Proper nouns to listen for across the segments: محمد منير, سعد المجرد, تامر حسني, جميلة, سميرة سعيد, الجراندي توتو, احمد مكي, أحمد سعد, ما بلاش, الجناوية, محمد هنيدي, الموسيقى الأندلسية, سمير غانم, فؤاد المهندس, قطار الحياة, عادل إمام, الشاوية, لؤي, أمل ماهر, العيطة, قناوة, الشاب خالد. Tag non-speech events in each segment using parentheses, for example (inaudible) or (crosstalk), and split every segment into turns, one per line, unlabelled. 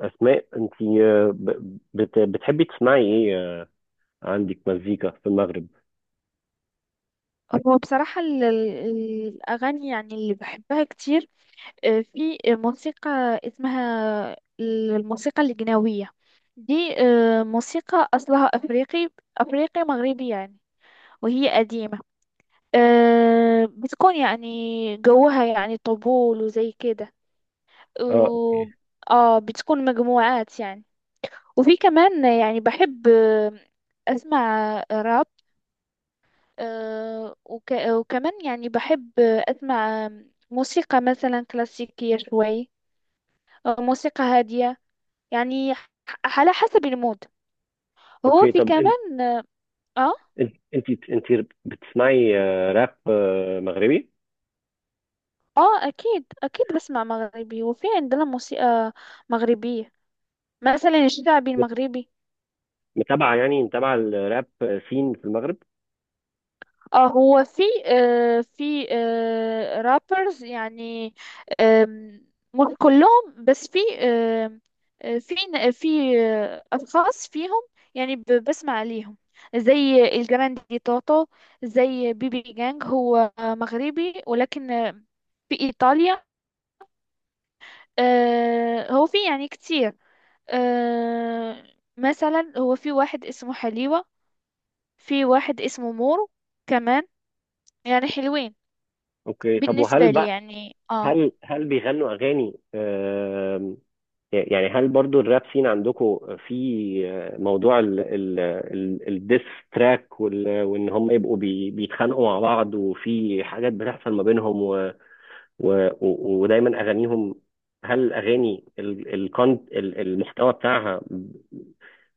أسماء، أنت بتحبي تسمعي إيه؟ عندك مزيكا في المغرب؟
هو بصراحة الأغاني يعني اللي بحبها كتير. في موسيقى اسمها الموسيقى الجناوية. دي موسيقى أصلها أفريقي أفريقي مغربي يعني، وهي قديمة. بتكون يعني جوها يعني طبول وزي كده،
أه.
و- اه بتكون مجموعات يعني. وفي كمان يعني بحب أسمع راب، وكمان يعني بحب أسمع موسيقى مثلا كلاسيكية شوي، أو موسيقى هادية يعني، على حسب المود. هو
أوكي،
في
طب أنت،
كمان. آه
أنت أنت بتسمعي راب مغربي؟
أكيد أكيد بسمع مغربي، وفي عندنا موسيقى مغربية مثلا الشعبي
بت-
المغربي.
متابعة، يعني متابعة الراب سين في المغرب؟
اه، هو في رابرز يعني، آم، مش كلهم، بس في آم، آه في ن- في آه اشخاص فيهم يعني بسمع ليهم، زي الجراندي توتو، زي بيبي جانج. هو مغربي ولكن في ايطاليا. هو في يعني كتير. آه مثلا هو في واحد اسمه حليوة، في واحد اسمه مورو كمان، يعني حلوين
أوكي، طب وهل
بالنسبة لي
بقى،
يعني. اه
هل هل بيغنوا أغاني؟ يعني هل برضو الراب سين عندكم في موضوع الديس تراك، وإن هم يبقوا بيتخانقوا مع بعض، وفي حاجات بتحصل ما بينهم، ودايما اغانيهم، هل الاغاني المحتوى بتاعها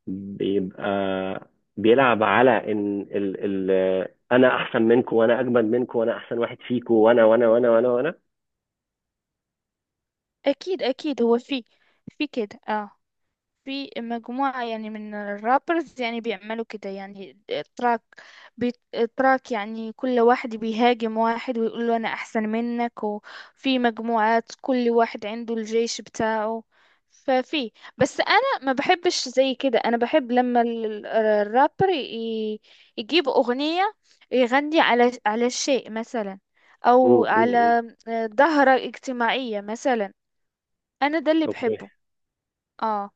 بيبقى بيلعب على ان ال ال انا احسن منكم، وانا اجمد منكم، وانا احسن واحد فيكم، وانا وانا وانا وانا وانا؟
اكيد اكيد، هو في في كده. اه في مجموعة يعني من الرابرز يعني بيعملوا كده يعني تراك بي تراك. يعني كل واحد بيهاجم واحد ويقول له أنا أحسن منك، وفي مجموعات كل واحد عنده الجيش بتاعه. ففي بس أنا ما بحبش زي كده. أنا بحب لما الرابر يجيب أغنية، يغني على شيء مثلا،
مم،
أو
مم،
على
مم.
ظاهرة اجتماعية مثلا. أنا ده اللي
اوكي.
بحبه. اه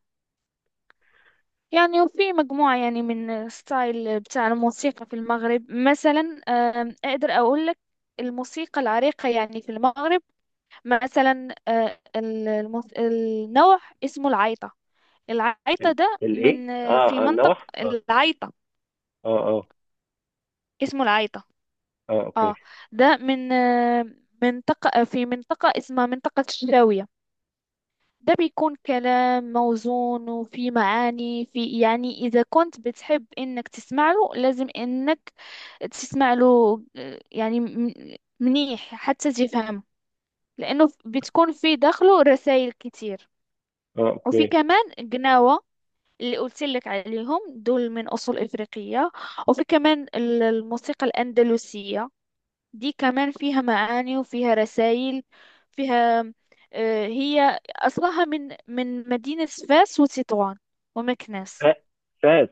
يعني وفي مجموعة يعني من ستايل بتاع الموسيقى في المغرب. مثلا أقدر أقول لك الموسيقى العريقة يعني في المغرب. مثلا النوع اسمه العيطة. العيطة
ال-
ده
الايه؟
من في
اه
منطقة
النوح؟ اه،
العيطة.
اه. اه،
اسمه العيطة.
اه اوكي
اه، ده من منطقة في منطقة اسمها منطقة الشاوية. ده بيكون كلام موزون وفي معاني. في يعني إذا كنت بتحب إنك تسمع له، لازم إنك تسمع له يعني منيح حتى تفهم، لأنه بتكون في داخله رسائل كتير.
اه
وفي
اوكي.
كمان قناوة، اللي قلت لك عليهم دول من أصول إفريقية. وفي كمان الموسيقى الأندلسية، دي كمان فيها معاني وفيها رسائل، فيها هي أصلها من مدينة فاس وتطوان ومكناس.
فا- فاز.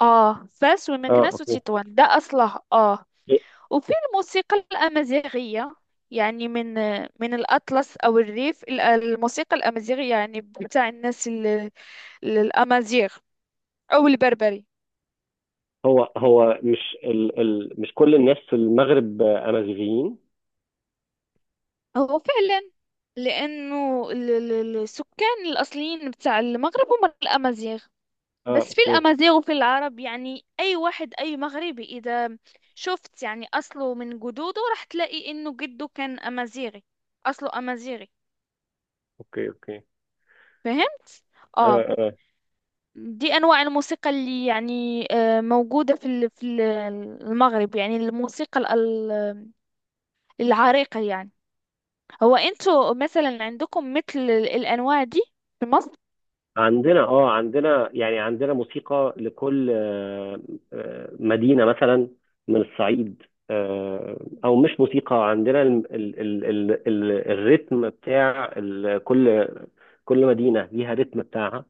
فاس
اه،
ومكناس
اوكي.
وتطوان، ده أصلها.
إيه؟
وفي الموسيقى الأمازيغية، يعني من الأطلس أو الريف. الموسيقى الأمازيغية يعني بتاع الناس الأمازيغ أو البربري.
هو هو مش ال ال مش كل الناس في المغرب امازيغيين؟
هو فعلا، لأنه السكان الأصليين بتاع المغرب هم الأمازيغ.
اه،
بس في
اوكي،
الأمازيغ وفي العرب، يعني أي واحد أي مغربي إذا شفت يعني أصله من جدوده راح تلاقي إنه جده كان أمازيغي، أصله أمازيغي.
اوكي. اوكي.
فهمت؟ آه
اه. آه.
دي أنواع الموسيقى اللي يعني موجودة في المغرب. يعني الموسيقى العريقة يعني. هو انتوا مثلا عندكم مثل الأنواع دي في مصر؟
عندنا، اه، عندنا، يعني عندنا موسيقى لكل مدينة، مثلا، من الصعيد. آه، او مش موسيقى، عندنا ال ال ال ال ال الريتم بتاع ال كل كل مدينة ليها ريتم بتاعها.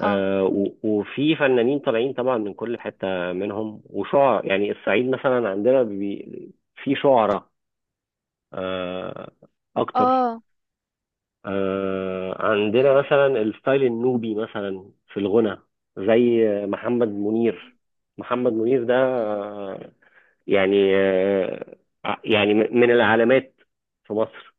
اه،
وفي فنانين طالعين طبعا من كل حتة منهم، وشعراء، يعني الصعيد مثلا عندنا في شعراء، آه، اكتر.
اه.
عندنا
مم.
مثلا الستايل النوبي، مثلا، في الغنى، زي محمد منير. محمد منير ده
مم.
يعني يعني من العلامات في مصر.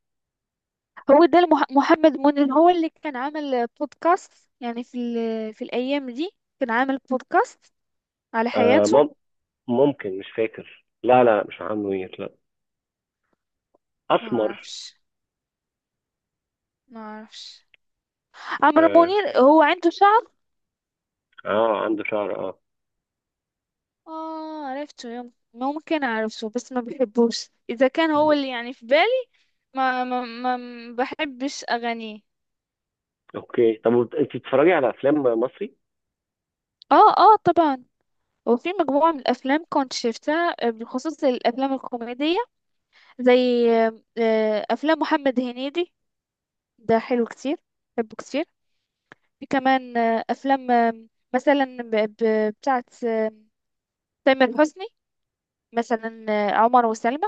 هو ده محمد منير هو اللي كان عامل بودكاست يعني في الأيام دي. كان عامل بودكاست على
آه
حياته.
مم- ممكن، مش فاكر. لا، لا، مش محمد منير. لا،
ما
اسمر.
اعرفش ما اعرفش. عمرو
اه.
منير هو عنده شغف.
عنده شعر. اه،
اه عرفته، ممكن اعرفه، بس ما بحبوش. اذا كان هو اللي يعني في بالي، ما بحبش اغانيه.
اوكي. طب انت بتتفرجي على افلام مصري؟
اه، اه، طبعا. وفي مجموعة من الأفلام كنت شفتها بالخصوص الأفلام الكوميدية، زي أفلام محمد هنيدي. ده حلو كتير، بحبه كتير. في كمان أفلام مثلا بتاعت تامر حسني، مثلا عمر وسلمى.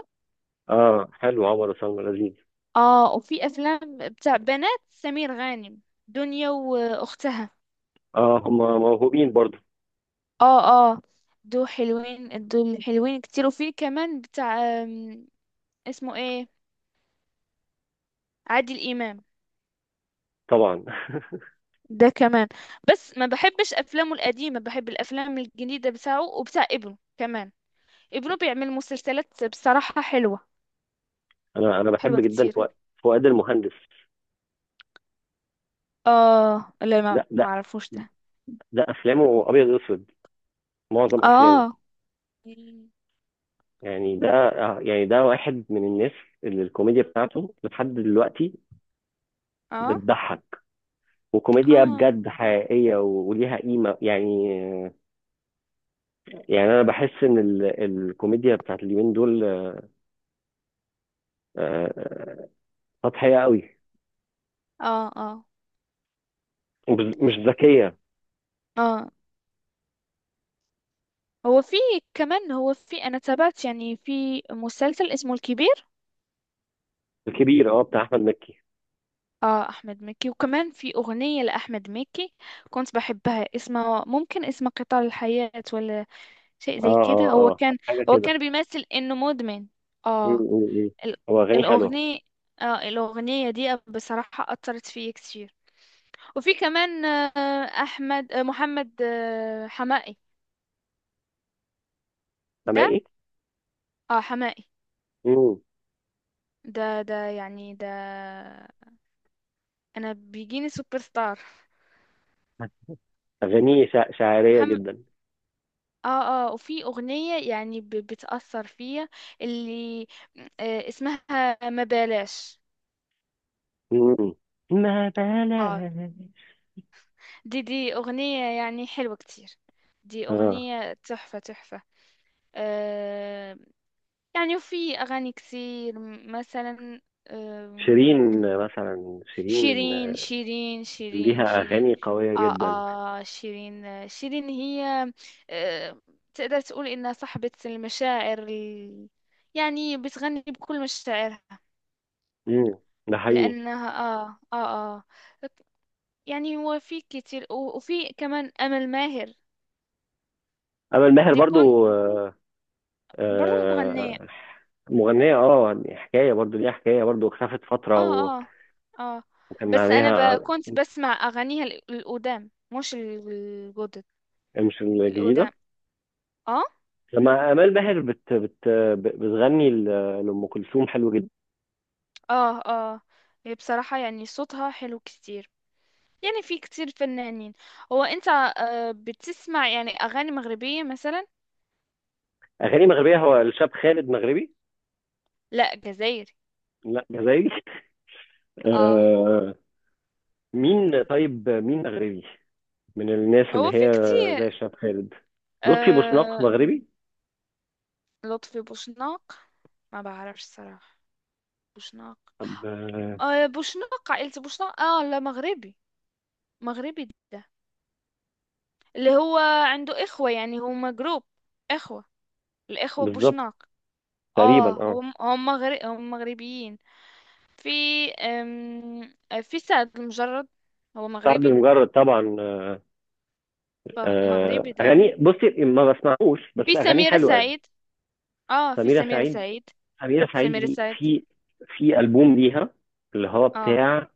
اه، حلو. عمر وسلمى لذيذ.
اه، وفي افلام بتاع بنات سمير غانم، دنيا واختها.
اه، هم موهوبين برضه.
اه، اه. دول حلوين، دول حلوين كتير. وفي كمان بتاع اسمه ايه، عادل امام.
طبعا. (laughs)
ده كمان. بس ما بحبش افلامه القديمه، بحب الافلام الجديده بتاعه وبتاع ابنه كمان. ابنه بيعمل مسلسلات بصراحه حلوه،
انا انا بحب
حلوه
جدا
كتير.
فؤاد. فؤاد المهندس
اه، لا،
ده
ما
ده
اعرفوش ده.
ده افلامه ابيض واسود، معظم افلامه.
اه.
يعني ده يعني ده واحد من الناس اللي الكوميديا بتاعته لحد دلوقتي
اه.
بتضحك،
اه.
وكوميديا
اه.
بجد حقيقية وليها قيمة يعني. يعني أنا بحس إن الكوميديا بتاعت اليومين دول آه، سطحية قوي،
اه.
مش ذكية.
اه. هو في كمان، هو في. انا تابعت يعني في مسلسل اسمه الكبير.
الكبير، اه، بتاع أحمد مكي.
اه، احمد مكي. وكمان في اغنية لاحمد مكي كنت بحبها، اسمها ممكن اسمها قطار الحياة، ولا شيء زي
اه،
كده.
اه،
هو
اه،
كان.
حاجة
هو
كده.
كان بيمثل انه مدمن.
م.
اه.
م. م.
ال-
هو أغانيه حلوة.
الاغنية اه الاغنية دي بصراحة اثرت فيا كتير. وفي كمان احمد محمد حمائي ده.
سامعي؟
اه، حمائي
م.
ده يعني ده انا بيجيني سوبر ستار
أغانيه شعرية
محمد.
جدا.
اه، اه. وفي أغنية يعني بتأثر فيا اللي اسمها ما بلاش.
مم. ما
اه،
بلاش.
دي أغنية يعني حلوة كتير. دي
اه،
أغنية تحفة تحفة. آه يعني، وفي أغاني كتير، مثلا
شيرين مثلا، شيرين
شيرين، شيرين، شيرين،
ليها
شيرين.
اغاني قويه
اه،
جدا.
اه، شيرين. شيرين هي آه تقدر تقول انها صاحبة المشاعر يعني بتغني بكل مشاعرها
امم ده حقيقي.
لانها. اه، اه، اه. يعني هو في كتير، وفي كمان امل ماهر.
امل ماهر
دي كون
برضو،
برضه مغنية.
آه، مغنيه. اه يعني حكايه، برضو ليها حكايه، برضو اختفت فتره
اه، اه، اه.
وكان
بس انا
عليها.
كنت بسمع اغانيها القدام مش الجدد
مش الجديده.
القدام. اه،
لما امال ماهر بت بت بتغني لام كلثوم، حلو جدا.
اه، اه. هي بصراحة يعني صوتها حلو كتير. يعني في كتير فنانين. هو انت، بتسمع يعني اغاني مغربية مثلا؟
اغاني مغربيه. هو الشاب خالد مغربي؟
لا، جزائري.
لا، جزائري. (laughs)
اه.
آه، طيب، مين مغربي من الناس اللي
هو
هي
في
زي
كتير.
الشاب خالد؟ لطفي بوشناق
آه
مغربي؟
لطفي بوشناق ما بعرفش صراحة. بوشناق.
طب،
بوشناق، عائلة بوشناق. اه، لا، مغربي، مغربي ده اللي هو عنده اخوة، يعني هما جروب اخوة، الاخوة
بالظبط،
بوشناق.
تقريبا،
اه،
اه.
هم هم مغربيين. في أم... في سعد المجرد هو
سعد
مغربي.
المجرد، طبعا.
مغربي ده.
اغاني، بصي، ما بسمعوش، بس
في
اغانيه
سميرة
حلوه يعني.
سعيد. اه، في
سميره
سميرة
سعيد
سعيد،
سميره سعيد
سميرة
دي،
سعيد.
في في البوم ليها اللي هو
اه،
بتاع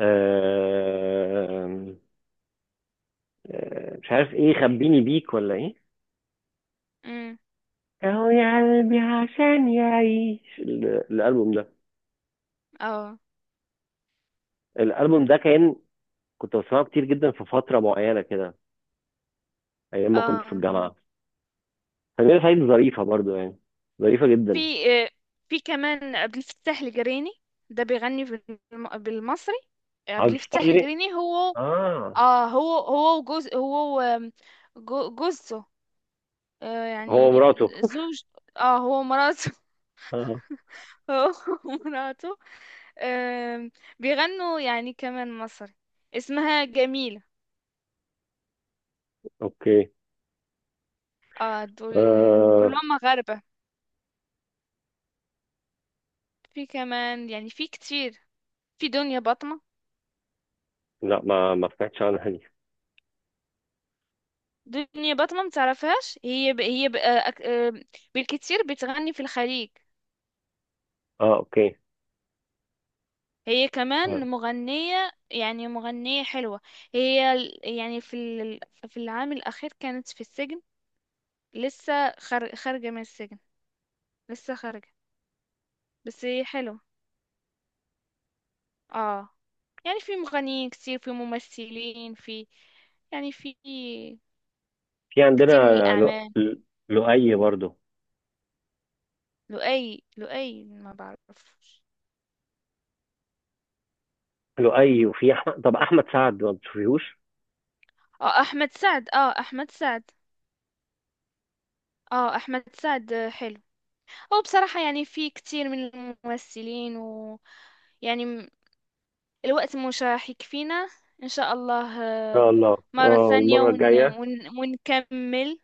آه، مش عارف ايه، خبيني بيك، ولا ايه،
امم،
اهو يا قلبي عشان يعيش. الالبوم ده،
اه،
الالبوم ده كنت بسمعه كتير جدا في فتره معينه كده، ايام ما كنت في
اه.
الجامعه. سمير سعيد ظريفه برضو، يعني ظريفه جدا.
في آه، في كمان عبد الفتاح القريني ده بيغني بالمصري. عبد
عبد
الفتاح
الشافي.
القريني هو
اه.
اه هو هو وجوز، جوزته،
هو
يعني
مراته.
زوج. اه، هو مراته.
(laughs) اه.
هو (laughs) ومراته. آم، بيغنوا يعني كمان مصري، اسمها جميلة.
اوكي.
اه، دول
آه.
كلهم مغاربة. في كمان يعني، في كتير، في دنيا بطمة.
لا، ما ما سمعتش عنها دي.
دنيا بطمة متعرفهاش. هي ب... هي ب... آه، أك- آه، بالكتير بتغني في الخليج.
اه، اوكي.
هي كمان
آه.
مغنية يعني، مغنية حلوة. هي يعني في العام الأخير كانت في السجن. لسه خارجة من السجن. لسه خارجة. بس هي حلوة. اه. يعني في مغنيين كتير، في ممثلين، في
في عندنا،
كتير من
لو...
الأعمال.
ل- لؤي برضو.
لؤي، لؤي ما بعرفش.
لؤي. وفي احمد، طب، احمد سعد ما بتشوفيهوش؟
اه، أحمد سعد. اه، أحمد سعد. اه، أحمد سعد حلو. هو بصراحة يعني في كتير من الممثلين، ويعني م- الوقت مش راح يكفينا. إن شاء الله
ان
آه،
شاء الله،
مرة
اه،
ثانية،
المره الجايه.
ونكمل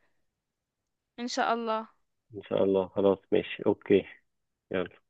إن شاء الله.
ان شاء الله، خلاص، ماشي، اوكي. يلا.